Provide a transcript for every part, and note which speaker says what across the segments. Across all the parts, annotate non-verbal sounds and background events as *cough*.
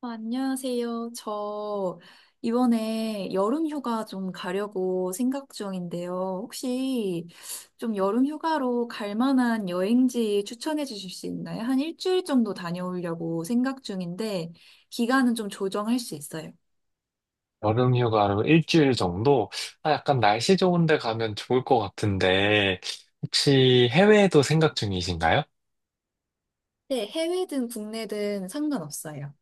Speaker 1: 안녕하세요. 저 이번에 여름 휴가 좀 가려고 생각 중인데요. 혹시 좀 여름 휴가로 갈 만한 여행지 추천해 주실 수 있나요? 한 일주일 정도 다녀오려고 생각 중인데 기간은 좀 조정할 수 있어요.
Speaker 2: 여름 휴가로 일주일 정도? 아, 약간 날씨 좋은 데 가면 좋을 것 같은데, 혹시 해외에도 생각 중이신가요?
Speaker 1: 네, 해외든 국내든 상관없어요.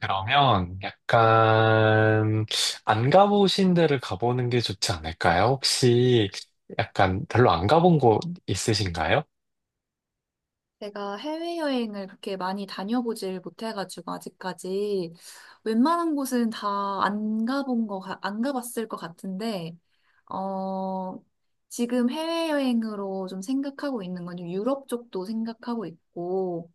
Speaker 2: 그러면 약간 안 가보신 데를 가보는 게 좋지 않을까요? 혹시 약간 별로 안 가본 곳 있으신가요?
Speaker 1: 제가 해외여행을 그렇게 많이 다녀보질 못해가지고 아직까지 웬만한 곳은 다 안 가본 거, 안 가봤을 것 같은데 어, 지금 해외여행으로 좀 생각하고 있는 건 유럽 쪽도 생각하고 있고,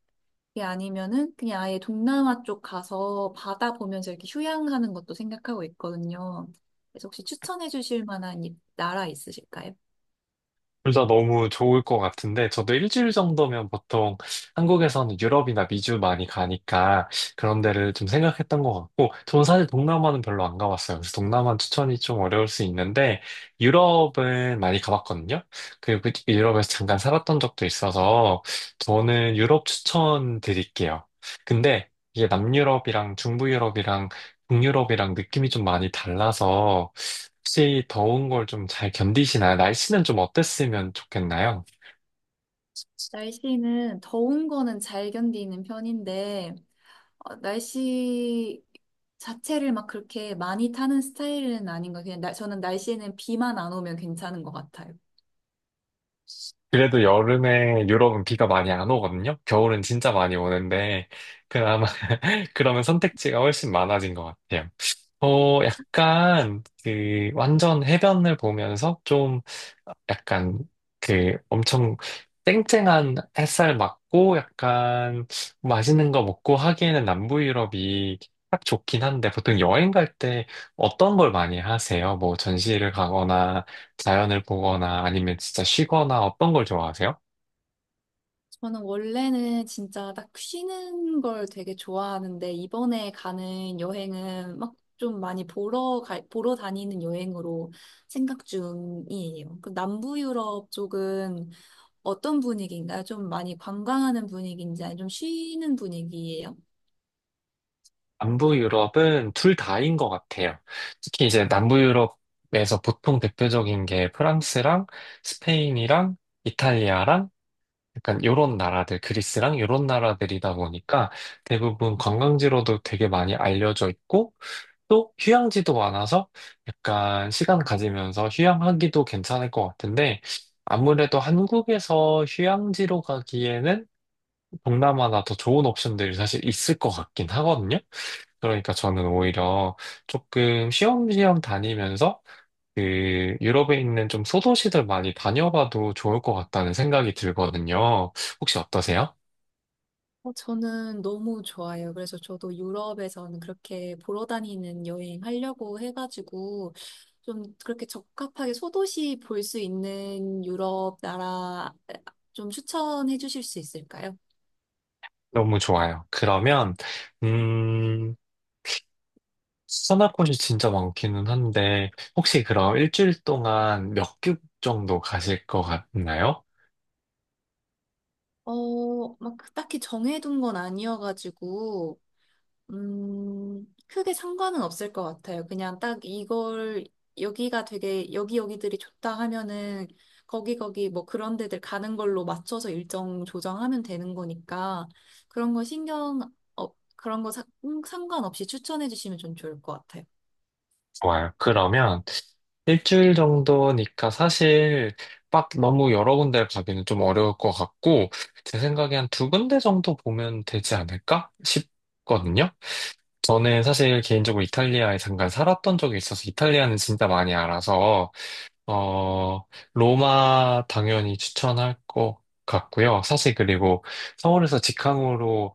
Speaker 1: 그게 아니면은 그냥 아예 동남아 쪽 가서 바다 보면서 이렇게 휴양하는 것도 생각하고 있거든요. 그래서 혹시 추천해 주실 만한 나라 있으실까요?
Speaker 2: 둘 다 너무 좋을 것 같은데, 저도 일주일 정도면 보통 한국에서는 유럽이나 미주 많이 가니까 그런 데를 좀 생각했던 것 같고, 저는 사실 동남아는 별로 안 가봤어요. 그래서 동남아 추천이 좀 어려울 수 있는데, 유럽은 많이 가봤거든요. 그리고 그 유럽에서 잠깐 살았던 적도 있어서, 저는 유럽 추천 드릴게요. 근데 이게 남유럽이랑 중부유럽이랑 북유럽이랑 느낌이 좀 많이 달라서 혹시 더운 걸 좀 잘 견디시나요? 날씨는 좀 어땠으면 좋겠나요?
Speaker 1: 날씨는 더운 거는 잘 견디는 편인데, 날씨 자체를 막 그렇게 많이 타는 스타일은 아닌 것 같아요. 그냥 저는 날씨에는 비만 안 오면 괜찮은 것 같아요.
Speaker 2: 그래도 여름에 유럽은 비가 많이 안 오거든요? 겨울은 진짜 많이 오는데 그나마 *laughs* 그러면 선택지가 훨씬 많아진 것 같아요. 완전 해변을 보면서 좀, 약간, 그, 엄청 쨍쨍한 햇살 맞고, 약간, 맛있는 거 먹고 하기에는 남부 유럽이 딱 좋긴 한데, 보통 여행 갈 때 어떤 걸 많이 하세요? 뭐, 전시를 가거나, 자연을 보거나, 아니면 진짜 쉬거나, 어떤 걸 좋아하세요?
Speaker 1: 저는 원래는 진짜 딱 쉬는 걸 되게 좋아하는데 이번에 가는 여행은 막 좀 많이 보러 다니는 여행으로 생각 중이에요. 그 남부 유럽 쪽은 어떤 분위기인가요? 좀 많이 관광하는 분위기인지 아니면 좀 쉬는 분위기예요?
Speaker 2: 남부 유럽은 둘 다인 것 같아요. 특히 이제 남부 유럽에서 보통 대표적인 게 프랑스랑 스페인이랑 이탈리아랑 약간 요런 나라들, 그리스랑 요런 나라들이다 보니까 대부분 관광지로도 되게 많이 알려져 있고 또 휴양지도 많아서 약간 시간 가지면서 휴양하기도 괜찮을 것 같은데 아무래도 한국에서 휴양지로 가기에는 동남아나 더 좋은 옵션들이 사실 있을 것 같긴 하거든요. 그러니까 저는 오히려 조금 쉬엄쉬엄 다니면서 그 유럽에 있는 좀 소도시들 많이 다녀봐도 좋을 것 같다는 생각이 들거든요. 혹시 어떠세요?
Speaker 1: 저는 너무 좋아요. 그래서 저도 유럽에서는 그렇게 보러 다니는 여행 하려고 해가지고 좀 그렇게 적합하게 소도시 볼 수 있는 유럽 나라 좀 추천해 주실 수 있을까요?
Speaker 2: 너무 좋아요. 그러면, 음, 추천할 곳이 진짜 많기는 한데, 혹시 그럼 일주일 동안 몇 개국 정도 가실 것 같나요?
Speaker 1: 막 딱히 정해둔 건 아니어가지고 크게 상관은 없을 것 같아요. 그냥 딱 이걸, 여기 여기들이 좋다 하면은, 거기 거기 뭐 그런 데들 가는 걸로 맞춰서 일정 조정하면 되는 거니까, 그런 거 신경, 어, 그런 거 상관없이 추천해 주시면 좀 좋을 것 같아요.
Speaker 2: 좋아요. 그러면 일주일 정도니까 사실 막 너무 여러 군데 가기는 좀 어려울 것 같고, 제 생각에 한 두 군데 정도 보면 되지 않을까 싶거든요. 저는 사실 개인적으로 이탈리아에 잠깐 살았던 적이 있어서 이탈리아는 진짜 많이 알아서, 어, 로마 당연히 추천할 것 같고요. 사실 그리고 서울에서 직항으로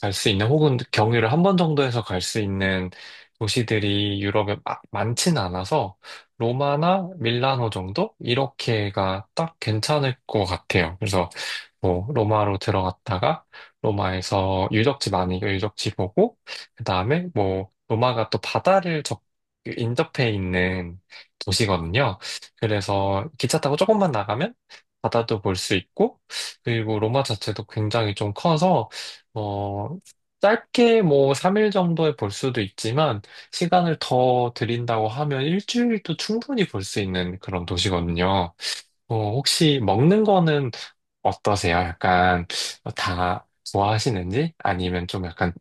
Speaker 2: 갈 수 있는 혹은 경유를 한 번 정도 해서 갈 수 있는 도시들이 유럽에 많진 않아서 로마나 밀라노 정도 이렇게가 딱 괜찮을 것 같아요. 그래서 뭐 로마로 들어갔다가 로마에서 유적지 보고 그다음에 뭐 로마가 또 바다를 적 인접해 있는 도시거든요. 그래서 기차 타고 조금만 나가면 바다도 볼 수 있고 그리고 로마 자체도 굉장히 좀 커서 어, 짧게 뭐 3일 정도에 볼 수도 있지만 시간을 더 드린다고 하면 일주일도 충분히 볼 수 있는 그런 도시거든요. 혹시 먹는 거는 어떠세요? 약간 다 좋아하시는지 아니면 좀 약간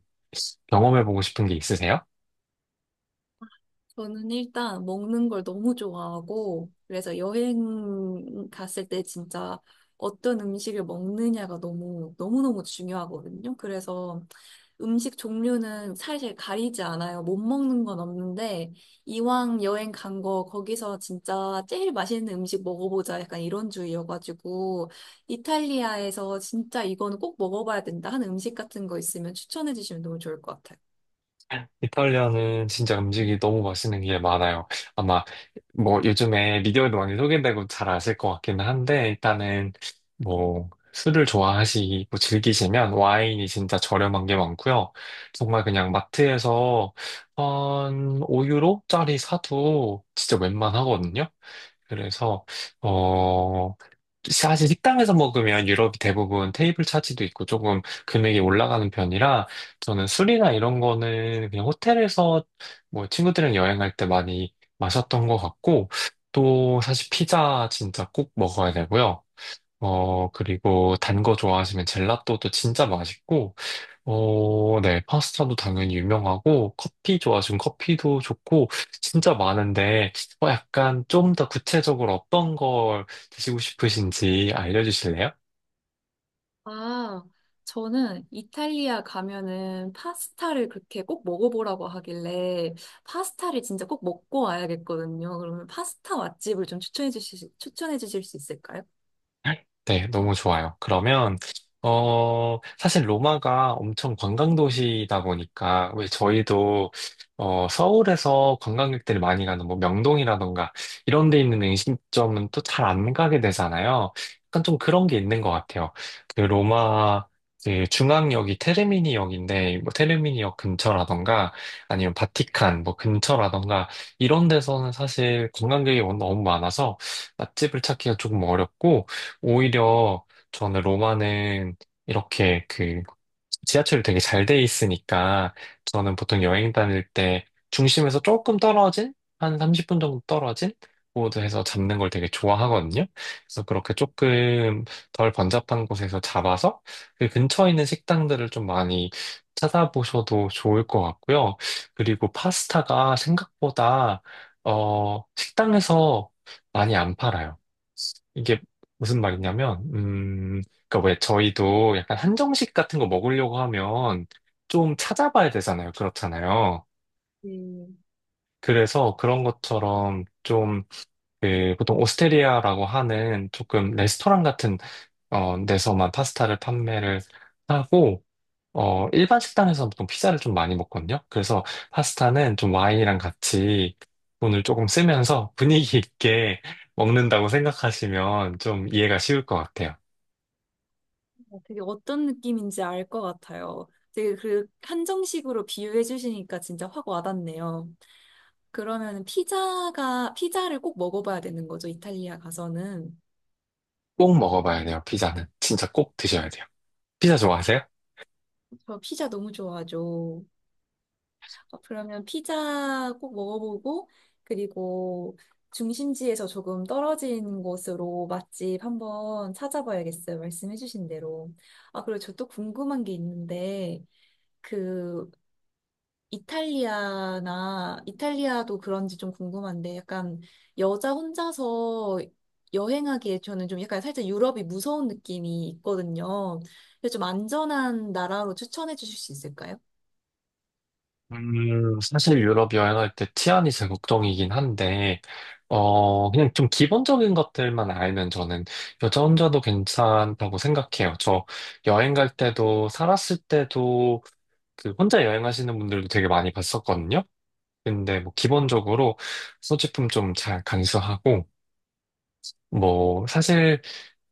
Speaker 2: 경험해보고 싶은 게 있으세요?
Speaker 1: 저는 일단 먹는 걸 너무 좋아하고, 그래서 여행 갔을 때 진짜 어떤 음식을 먹느냐가 너무너무 중요하거든요. 그래서 음식 종류는 사실 가리지 않아요. 못 먹는 건 없는데, 이왕 여행 간 거, 거기서 진짜 제일 맛있는 음식 먹어보자. 약간 이런 주의여가지고, 이탈리아에서 진짜 이거는 꼭 먹어봐야 된다 하는 음식 같은 거 있으면 추천해 주시면 너무 좋을 것 같아요.
Speaker 2: 이탈리아는 진짜 음식이 너무 맛있는 게 많아요. 아마 뭐 요즘에 미디어에도 많이 소개되고 잘 아실 것 같기는 한데 일단은 뭐 술을 좋아하시고 즐기시면 와인이 진짜 저렴한 게 많고요. 정말 그냥 마트에서 한 5유로짜리 사도 진짜 웬만하거든요. 그래서 어 사실 식당에서 먹으면 유럽이 대부분 테이블 차지도 있고 조금 금액이 올라가는 편이라 저는 술이나 이런 거는 그냥 호텔에서 뭐 친구들이랑 여행할 때 많이 마셨던 것 같고 또 사실 피자 진짜 꼭 먹어야 되고요. 그리고 단 거 좋아하시면 젤라또도 진짜 맛있고 네. 파스타도 당연히 유명하고, 커피 좋아하시면 커피도 좋고, 진짜 많은데, 약간 좀 더 구체적으로 어떤 걸 드시고 싶으신지 알려주실래요?
Speaker 1: 아, 저는 이탈리아 가면은 파스타를 그렇게 꼭 먹어보라고 하길래 파스타를 진짜 꼭 먹고 와야겠거든요. 그러면 파스타 맛집을 좀 추천해 주실 수 있을까요?
Speaker 2: 네, 너무 좋아요. 그러면, 사실 로마가 엄청 관광도시다 보니까, 왜 저희도, 서울에서 관광객들이 많이 가는 뭐 명동이라던가, 이런 데 있는 음식점은 또 잘 안 가게 되잖아요. 약간 좀 그런 게 있는 것 같아요. 그 로마, 그 중앙역이 테르미니역인데, 뭐 테르미니역 근처라던가, 아니면 바티칸 뭐 근처라던가, 이런 데서는 사실 관광객이 너무 많아서 맛집을 찾기가 조금 어렵고, 오히려 저는 로마는 이렇게 그 지하철이 되게 잘 돼 있으니까 저는 보통 여행 다닐 때 중심에서 조금 떨어진 한 30분 정도 떨어진 곳에서 잡는 걸 되게 좋아하거든요. 그래서 그렇게 조금 덜 번잡한 곳에서 잡아서 그 근처에 있는 식당들을 좀 많이 찾아보셔도 좋을 것 같고요. 그리고 파스타가 생각보다 식당에서 많이 안 팔아요. 이게 무슨 말이냐면, 그니까 왜 저희도 약간 한정식 같은 거 먹으려고 하면 좀 찾아봐야 되잖아요. 그렇잖아요.
Speaker 1: 음,
Speaker 2: 그래서 그런 것처럼 좀, 그, 보통 오스테리아라고 하는 조금 레스토랑 같은, 데서만 파스타를 판매를 하고, 일반 식당에서 보통 피자를 좀 많이 먹거든요. 그래서 파스타는 좀 와인이랑 같이 돈을 조금 쓰면서 분위기 있게 *laughs* 먹는다고 생각하시면 좀 이해가 쉬울 것 같아요.
Speaker 1: 되게 어떤 느낌인지 알 것 같아요. 되게 그 한정식으로 비유해 주시니까 진짜 확 와닿네요. 그러면 피자를 꼭 먹어봐야 되는 거죠, 이탈리아 가서는.
Speaker 2: 꼭 먹어봐야 돼요, 피자는. 진짜 꼭 드셔야 돼요. 피자 좋아하세요?
Speaker 1: 저 피자 너무 좋아하죠. 그러면 피자 꼭 먹어보고, 그리고 중심지에서 조금 떨어진 곳으로 맛집 한번 찾아봐야겠어요. 말씀해주신 대로. 아, 그리고 저 또 궁금한 게 있는데, 그, 이탈리아도 그런지 좀 궁금한데, 약간 여자 혼자서 여행하기에 저는 좀 약간 살짝 유럽이 무서운 느낌이 있거든요. 그래서 좀 안전한 나라로 추천해 주실 수 있을까요?
Speaker 2: 사실 유럽 여행할 때 치안이 제 걱정이긴 한데, 그냥 좀 기본적인 것들만 알면 저는 여자 혼자도 괜찮다고 생각해요. 저 여행 갈 때도, 살았을 때도, 그 혼자 여행하시는 분들도 되게 많이 봤었거든요. 근데 뭐 기본적으로 소지품 좀 잘 간수하고, 뭐 사실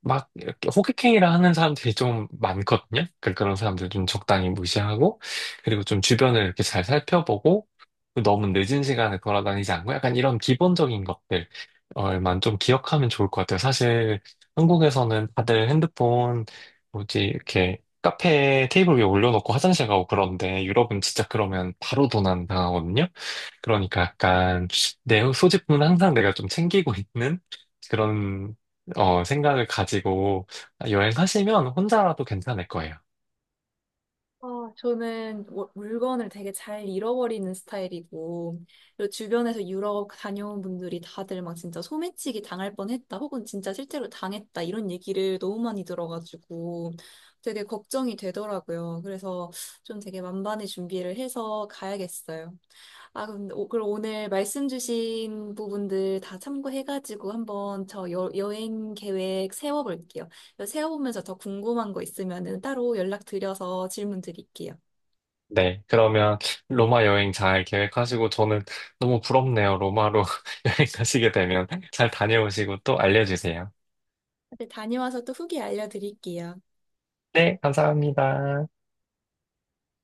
Speaker 2: 막 이렇게 호객행위를 하는 사람들이 좀 많거든요. 그런 사람들 좀 적당히 무시하고 그리고 좀 주변을 이렇게 잘 살펴보고 너무 늦은 시간에 돌아다니지 않고 약간 이런 기본적인 것들만 좀 기억하면 좋을 것 같아요. 사실 한국에서는 다들 핸드폰 뭐지 이렇게 카페 테이블 위에 올려놓고 화장실 가고 그런데 유럽은 진짜 그러면 바로 도난 당하거든요. 그러니까 약간 내 소지품은 항상 내가 좀 챙기고 있는 그런 생각을 가지고 여행하시면 혼자라도 괜찮을 거예요.
Speaker 1: 아, 저는 물건을 되게 잘 잃어버리는 스타일이고, 그리고 주변에서 유럽 다녀온 분들이 다들 막 진짜 소매치기 당할 뻔했다, 혹은 진짜 실제로 당했다, 이런 얘기를 너무 많이 들어가지고 되게 걱정이 되더라고요. 그래서 좀 되게 만반의 준비를 해서 가야겠어요. 아, 그럼 오늘 말씀 주신 부분들 다 참고해가지고 한번 여행 계획 세워볼게요. 세워보면서 더 궁금한 거 있으면은 따로 연락드려서 질문 드릴게요.
Speaker 2: 네, 그러면 로마 여행 잘 계획하시고 저는 너무 부럽네요. 로마로 *laughs* 여행 가시게 되면 잘 다녀오시고 또 알려주세요.
Speaker 1: 네, 다녀와서 또 후기 알려드릴게요.
Speaker 2: 네, 감사합니다.